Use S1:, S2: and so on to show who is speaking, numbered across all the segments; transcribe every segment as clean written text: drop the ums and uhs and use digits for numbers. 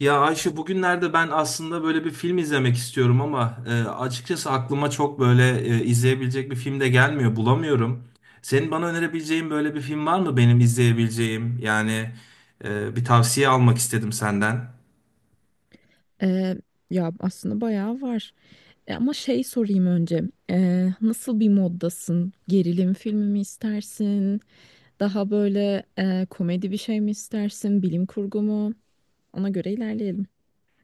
S1: Ya Ayşe bugünlerde ben aslında böyle bir film izlemek istiyorum ama açıkçası aklıma çok böyle izleyebilecek bir film de gelmiyor, bulamıyorum. Senin bana önerebileceğin böyle bir film var mı benim izleyebileceğim? Bir tavsiye almak istedim senden.
S2: Ee, Ya aslında bayağı var. Ama şey sorayım önce. Nasıl bir moddasın? Gerilim filmi mi istersin? Daha böyle komedi bir şey mi istersin? Bilim kurgu mu? Ona göre ilerleyelim.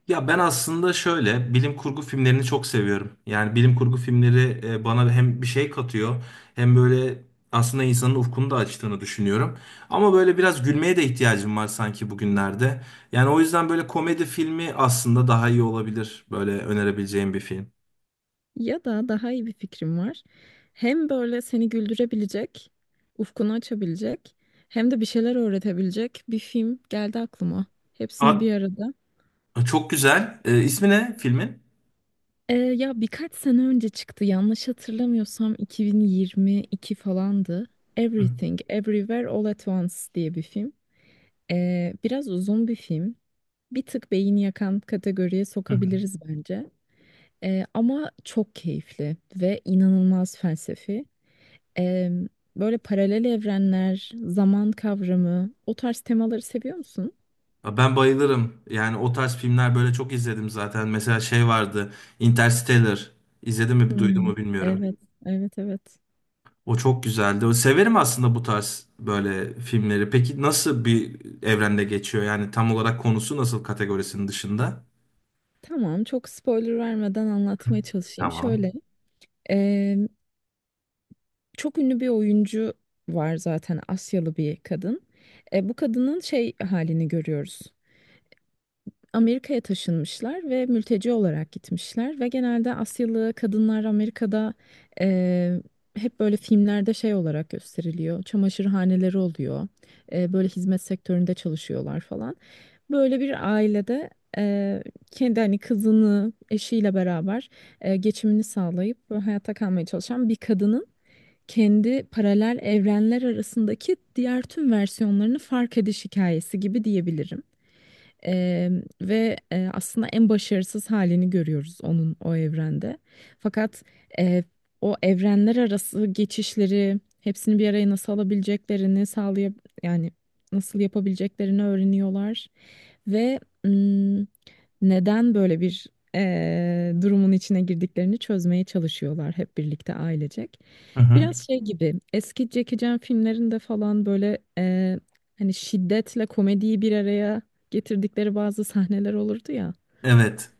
S1: Ya ben aslında şöyle bilim kurgu filmlerini çok seviyorum. Yani bilim kurgu filmleri bana hem bir şey katıyor hem böyle aslında insanın ufkunu da açtığını düşünüyorum. Ama böyle biraz gülmeye de ihtiyacım var sanki bugünlerde. Yani o yüzden böyle komedi filmi aslında daha iyi olabilir. Böyle önerebileceğim bir film.
S2: Ya da daha iyi bir fikrim var. Hem böyle seni güldürebilecek, ufkunu açabilecek, hem de bir şeyler öğretebilecek bir film geldi aklıma. Hepsini
S1: Aa,
S2: bir arada.
S1: çok güzel. E, ismi ne filmin?
S2: Ya birkaç sene önce çıktı. Yanlış hatırlamıyorsam 2022 falandı. Everything, Everywhere, All at Once diye bir film. Biraz uzun bir film. Bir tık beyni yakan kategoriye
S1: Hı.
S2: sokabiliriz bence. Ama çok keyifli ve inanılmaz felsefi. Eee, Böyle paralel evrenler, zaman kavramı, o tarz temaları seviyor musun?
S1: Ya ben bayılırım. Yani o tarz filmler böyle çok izledim zaten. Mesela şey vardı. Interstellar. İzledim mi, duydun
S2: Hmm,
S1: mu bilmiyorum.
S2: evet, evet, evet.
S1: O çok güzeldi. Severim aslında bu tarz böyle filmleri. Peki nasıl bir evrende geçiyor? Yani tam olarak konusu nasıl kategorisinin dışında?
S2: Tamam, çok spoiler vermeden anlatmaya çalışayım. Şöyle,
S1: Tamam.
S2: çok ünlü bir oyuncu var zaten, Asyalı bir kadın. Bu kadının şey halini görüyoruz. Amerika'ya taşınmışlar ve mülteci olarak gitmişler ve genelde Asyalı kadınlar Amerika'da e, hep böyle filmlerde şey olarak gösteriliyor. Çamaşırhaneleri oluyor. Böyle hizmet sektöründe çalışıyorlar falan. Böyle bir ailede e, kendi hani kızını eşiyle beraber geçimini sağlayıp hayatta kalmaya çalışan bir kadının kendi paralel evrenler arasındaki diğer tüm versiyonlarını fark ediş hikayesi gibi diyebilirim. Eee, ve aslında en başarısız halini görüyoruz onun o evrende. Fakat eee, o evrenler arası geçişleri hepsini bir araya nasıl alabileceklerini sağlayıp yani nasıl yapabileceklerini öğreniyorlar. Ve ım, neden böyle bir durumun içine girdiklerini çözmeye çalışıyorlar hep birlikte ailecek.
S1: Hı hı.
S2: Biraz şey gibi eski Jackie Chan filmlerinde falan böyle hani şiddetle komediyi bir araya getirdikleri bazı sahneler olurdu ya.
S1: Evet.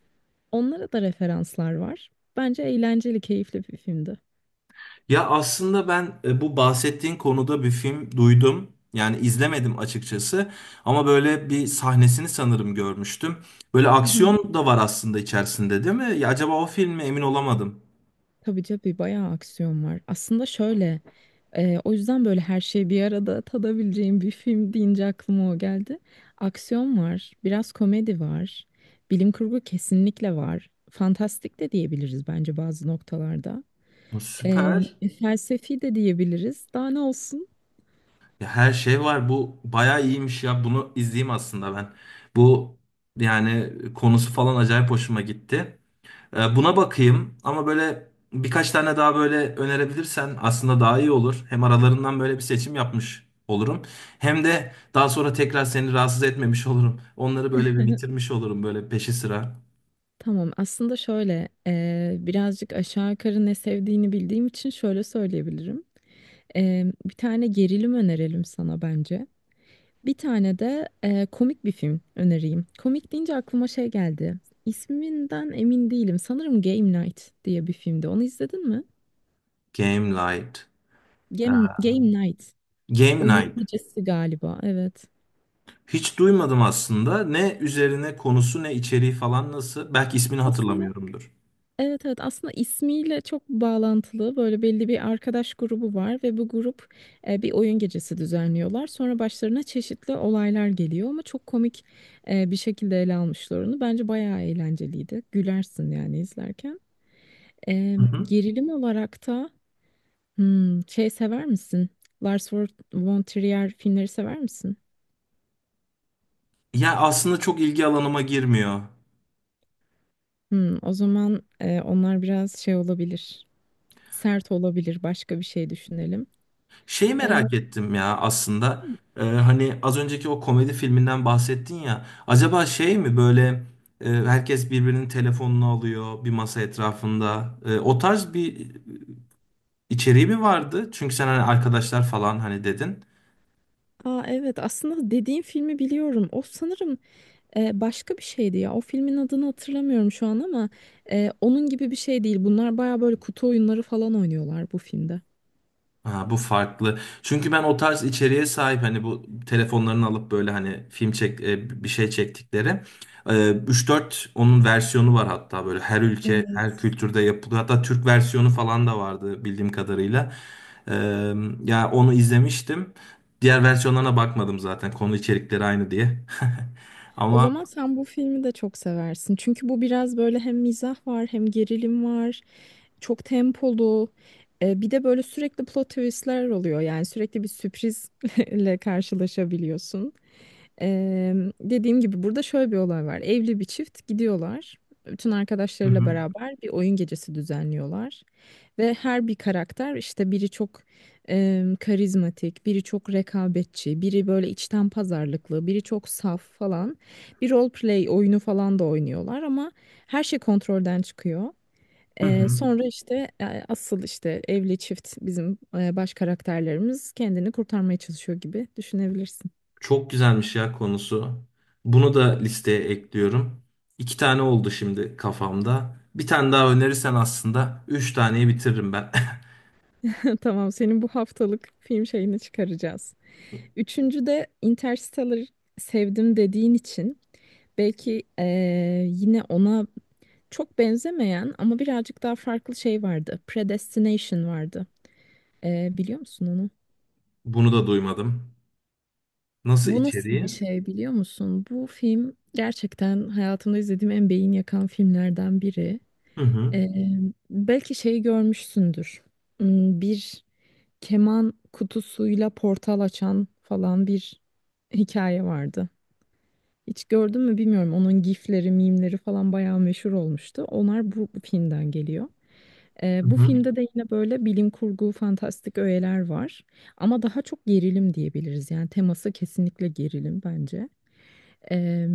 S2: Onlara da referanslar var. Bence eğlenceli, keyifli bir filmdi.
S1: Ya aslında ben bu bahsettiğin konuda bir film duydum. Yani izlemedim açıkçası. Ama böyle bir sahnesini sanırım görmüştüm. Böyle
S2: Hı hı.
S1: aksiyon da var aslında içerisinde, değil mi? Ya acaba o film mi? Emin olamadım.
S2: Tabii tabii bayağı aksiyon var. Aslında şöyle, o yüzden böyle her şeyi bir arada tadabileceğim bir film deyince aklıma o geldi. Aksiyon var, biraz komedi var, bilim kurgu kesinlikle var. Fantastik de diyebiliriz bence bazı noktalarda. E,
S1: Süper.
S2: Felsefi de diyebiliriz. Daha ne olsun?
S1: Ya her şey var. Bu bayağı iyiymiş ya. Bunu izleyeyim aslında ben. Bu yani konusu falan acayip hoşuma gitti. Buna bakayım ama böyle birkaç tane daha böyle önerebilirsen aslında daha iyi olur. Hem aralarından böyle bir seçim yapmış olurum. Hem de daha sonra tekrar seni rahatsız etmemiş olurum. Onları böyle bir bitirmiş olurum böyle peşi sıra.
S2: Tamam, aslında şöyle birazcık aşağı yukarı ne sevdiğini bildiğim için şöyle söyleyebilirim. Bir tane gerilim önerelim sana bence. Bir tane de komik bir film önereyim. Komik deyince aklıma şey geldi. İsminden emin değilim. Sanırım Game Night diye bir filmdi. Onu izledin mi?
S1: Game Night. Ee,
S2: Game Night.
S1: Game
S2: Oyun
S1: Night.
S2: gecesi galiba. Evet.
S1: Hiç duymadım aslında. Ne üzerine konusu ne içeriği falan nasıl? Belki ismini
S2: Aslında
S1: hatırlamıyorumdur.
S2: evet, evet, aslında ismiyle çok bağlantılı, böyle belli bir arkadaş grubu var ve bu grup bir oyun gecesi düzenliyorlar. Sonra başlarına çeşitli olaylar geliyor ama çok komik bir şekilde ele almışlar onu. Bence bayağı eğlenceliydi. Gülersin yani izlerken.
S1: Hı hı.
S2: Gerilim olarak da şey sever misin? Lars von Trier filmleri sever misin?
S1: Ya aslında çok ilgi alanıma girmiyor.
S2: Hmm, o zaman onlar biraz şey olabilir. Sert olabilir. Başka bir şey düşünelim.
S1: Şey
S2: Ee,
S1: merak ettim ya aslında. Hani az önceki o komedi filminden bahsettin ya. Acaba şey mi böyle herkes birbirinin telefonunu alıyor bir masa etrafında. E, o tarz bir içeriği mi vardı? Çünkü sen hani arkadaşlar falan hani dedin.
S2: Aa, evet, aslında dediğim filmi biliyorum. O sanırım başka bir şeydi ya. O filmin adını hatırlamıyorum şu an ama onun gibi bir şey değil. Bunlar baya böyle kutu oyunları falan oynuyorlar bu filmde.
S1: Ha, bu farklı. Çünkü ben o tarz içeriğe sahip hani bu telefonlarını alıp böyle hani film çek bir şey çektikleri 3-4 onun versiyonu var hatta böyle her ülke her
S2: Evet.
S1: kültürde yapılıyor. Hatta Türk versiyonu falan da vardı bildiğim kadarıyla. E, ya onu izlemiştim. Diğer versiyonlarına bakmadım zaten konu içerikleri aynı diye.
S2: O
S1: Ama
S2: zaman sen bu filmi de çok seversin. Çünkü bu biraz böyle hem mizah var hem gerilim var. Çok tempolu. Bir de böyle sürekli plot twistler oluyor. Yani sürekli bir sürprizle karşılaşabiliyorsun. Eee, dediğim gibi burada şöyle bir olay var. Evli bir çift gidiyorlar. Bütün
S1: hı
S2: arkadaşlarıyla
S1: hı.
S2: beraber bir oyun gecesi düzenliyorlar. Ve her bir karakter işte, biri çok karizmatik, biri çok rekabetçi, biri böyle içten pazarlıklı, biri çok saf falan. Bir role play oyunu falan da oynuyorlar ama her şey kontrolden çıkıyor.
S1: Hı hı.
S2: Sonra işte asıl işte evli çift, bizim baş karakterlerimiz kendini kurtarmaya çalışıyor gibi düşünebilirsin.
S1: Çok güzelmiş ya konusu. Bunu da listeye ekliyorum. İki tane oldu şimdi kafamda. Bir tane daha önerirsen aslında üç taneyi bitiririm ben.
S2: Tamam, senin bu haftalık film şeyini çıkaracağız. Üçüncü de Interstellar sevdim dediğin için belki yine ona çok benzemeyen ama birazcık daha farklı şey vardı. Predestination vardı. Biliyor musun onu?
S1: Bunu da duymadım. Nasıl
S2: Bu nasıl bir
S1: içeriği?
S2: şey biliyor musun? Bu film gerçekten hayatımda izlediğim en beyin yakan filmlerden biri.
S1: Hı hı.
S2: Eee, belki şeyi görmüşsündür. Hmm, bir keman kutusuyla portal açan falan bir hikaye vardı. Hiç gördün mü bilmiyorum. Onun gifleri, mimleri falan bayağı meşhur olmuştu. Onlar bu filmden geliyor.
S1: Hı
S2: Bu
S1: hı.
S2: filmde de yine böyle bilim kurgu, fantastik öğeler var. Ama daha çok gerilim diyebiliriz. Yani teması kesinlikle gerilim bence. Ee,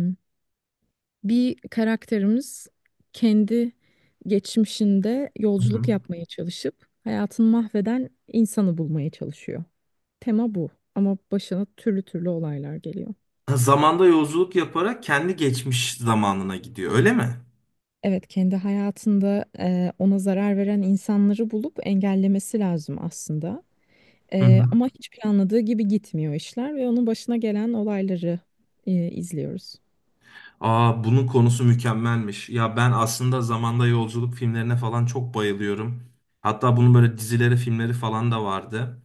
S2: bir karakterimiz kendi geçmişinde
S1: Hı
S2: yolculuk
S1: hı.
S2: yapmaya çalışıp hayatını mahveden insanı bulmaya çalışıyor. Tema bu, ama başına türlü türlü olaylar geliyor.
S1: Ha, zamanda yolculuk yaparak kendi geçmiş zamanına gidiyor, öyle mi?
S2: Evet, kendi hayatında ona zarar veren insanları bulup engellemesi lazım aslında.
S1: Hı hı.
S2: Ama hiç planladığı gibi gitmiyor işler ve onun başına gelen olayları izliyoruz.
S1: Aa, bunun konusu mükemmelmiş. Ya ben aslında zamanda yolculuk filmlerine falan çok bayılıyorum. Hatta bunun böyle dizileri, filmleri falan da vardı.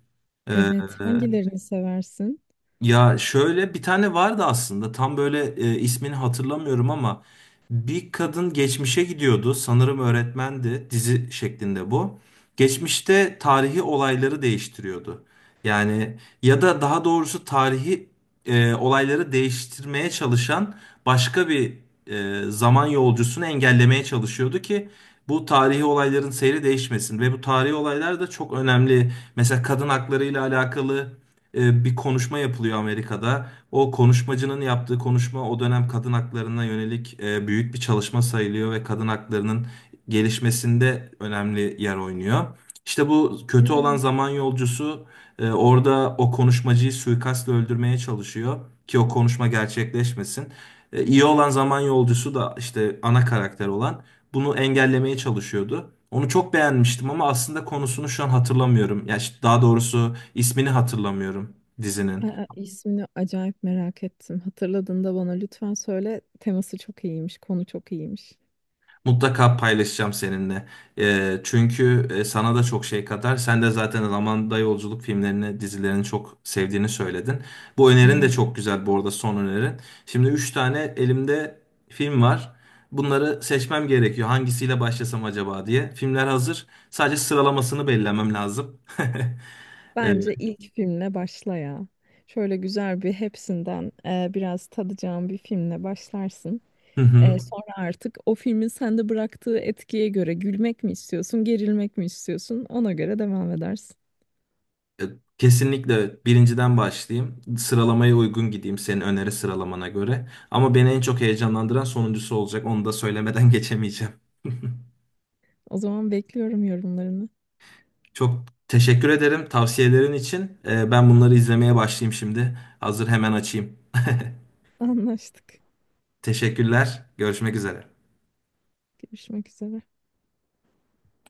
S1: Ee,
S2: Evet, hangilerini seversin?
S1: Ya şöyle bir tane vardı aslında tam böyle ismini hatırlamıyorum ama bir kadın geçmişe gidiyordu sanırım öğretmendi dizi şeklinde bu. Geçmişte tarihi olayları değiştiriyordu. Yani ya da daha doğrusu tarihi olayları değiştirmeye çalışan başka bir zaman yolcusunu engellemeye çalışıyordu ki bu tarihi olayların seyri değişmesin ve bu tarihi olaylar da çok önemli. Mesela kadın hakları ile alakalı bir konuşma yapılıyor Amerika'da. O konuşmacının yaptığı konuşma o dönem kadın haklarına yönelik büyük bir çalışma sayılıyor ve kadın haklarının gelişmesinde önemli yer oynuyor. İşte bu kötü olan
S2: Evet.
S1: zaman yolcusu orada o konuşmacıyı suikastla öldürmeye çalışıyor ki o konuşma gerçekleşmesin. İyi olan zaman yolcusu da işte ana karakter olan bunu engellemeye çalışıyordu. Onu çok beğenmiştim ama aslında konusunu şu an hatırlamıyorum. Ya işte daha doğrusu ismini hatırlamıyorum dizinin.
S2: Aa, ismini acayip merak ettim. Hatırladığında bana lütfen söyle. Teması çok iyiymiş, konu çok iyiymiş.
S1: Mutlaka paylaşacağım seninle. Çünkü sana da çok şey katar. Sen de zaten zamanda yolculuk filmlerini, dizilerini çok sevdiğini söyledin. Bu önerin de
S2: Evet.
S1: çok güzel bu arada son önerin. Şimdi 3 tane elimde film var. Bunları seçmem gerekiyor. Hangisiyle başlasam acaba diye. Filmler hazır. Sadece sıralamasını belirlemem lazım. Ee,
S2: Bence ilk filmle başla ya. Şöyle güzel bir, hepsinden biraz tadacağım bir filmle başlarsın.
S1: hı hı.
S2: Sonra artık o filmin sende bıraktığı etkiye göre gülmek mi istiyorsun, gerilmek mi istiyorsun, ona göre devam edersin.
S1: E, Kesinlikle birinciden başlayayım. Sıralamaya uygun gideyim senin öneri sıralamana göre. Ama beni en çok heyecanlandıran sonuncusu olacak. Onu da söylemeden geçemeyeceğim.
S2: O zaman bekliyorum yorumlarını.
S1: Çok teşekkür ederim tavsiyelerin için. E, ben bunları izlemeye başlayayım şimdi. Hazır hemen açayım.
S2: Anlaştık.
S1: Teşekkürler. Görüşmek üzere.
S2: Görüşmek üzere.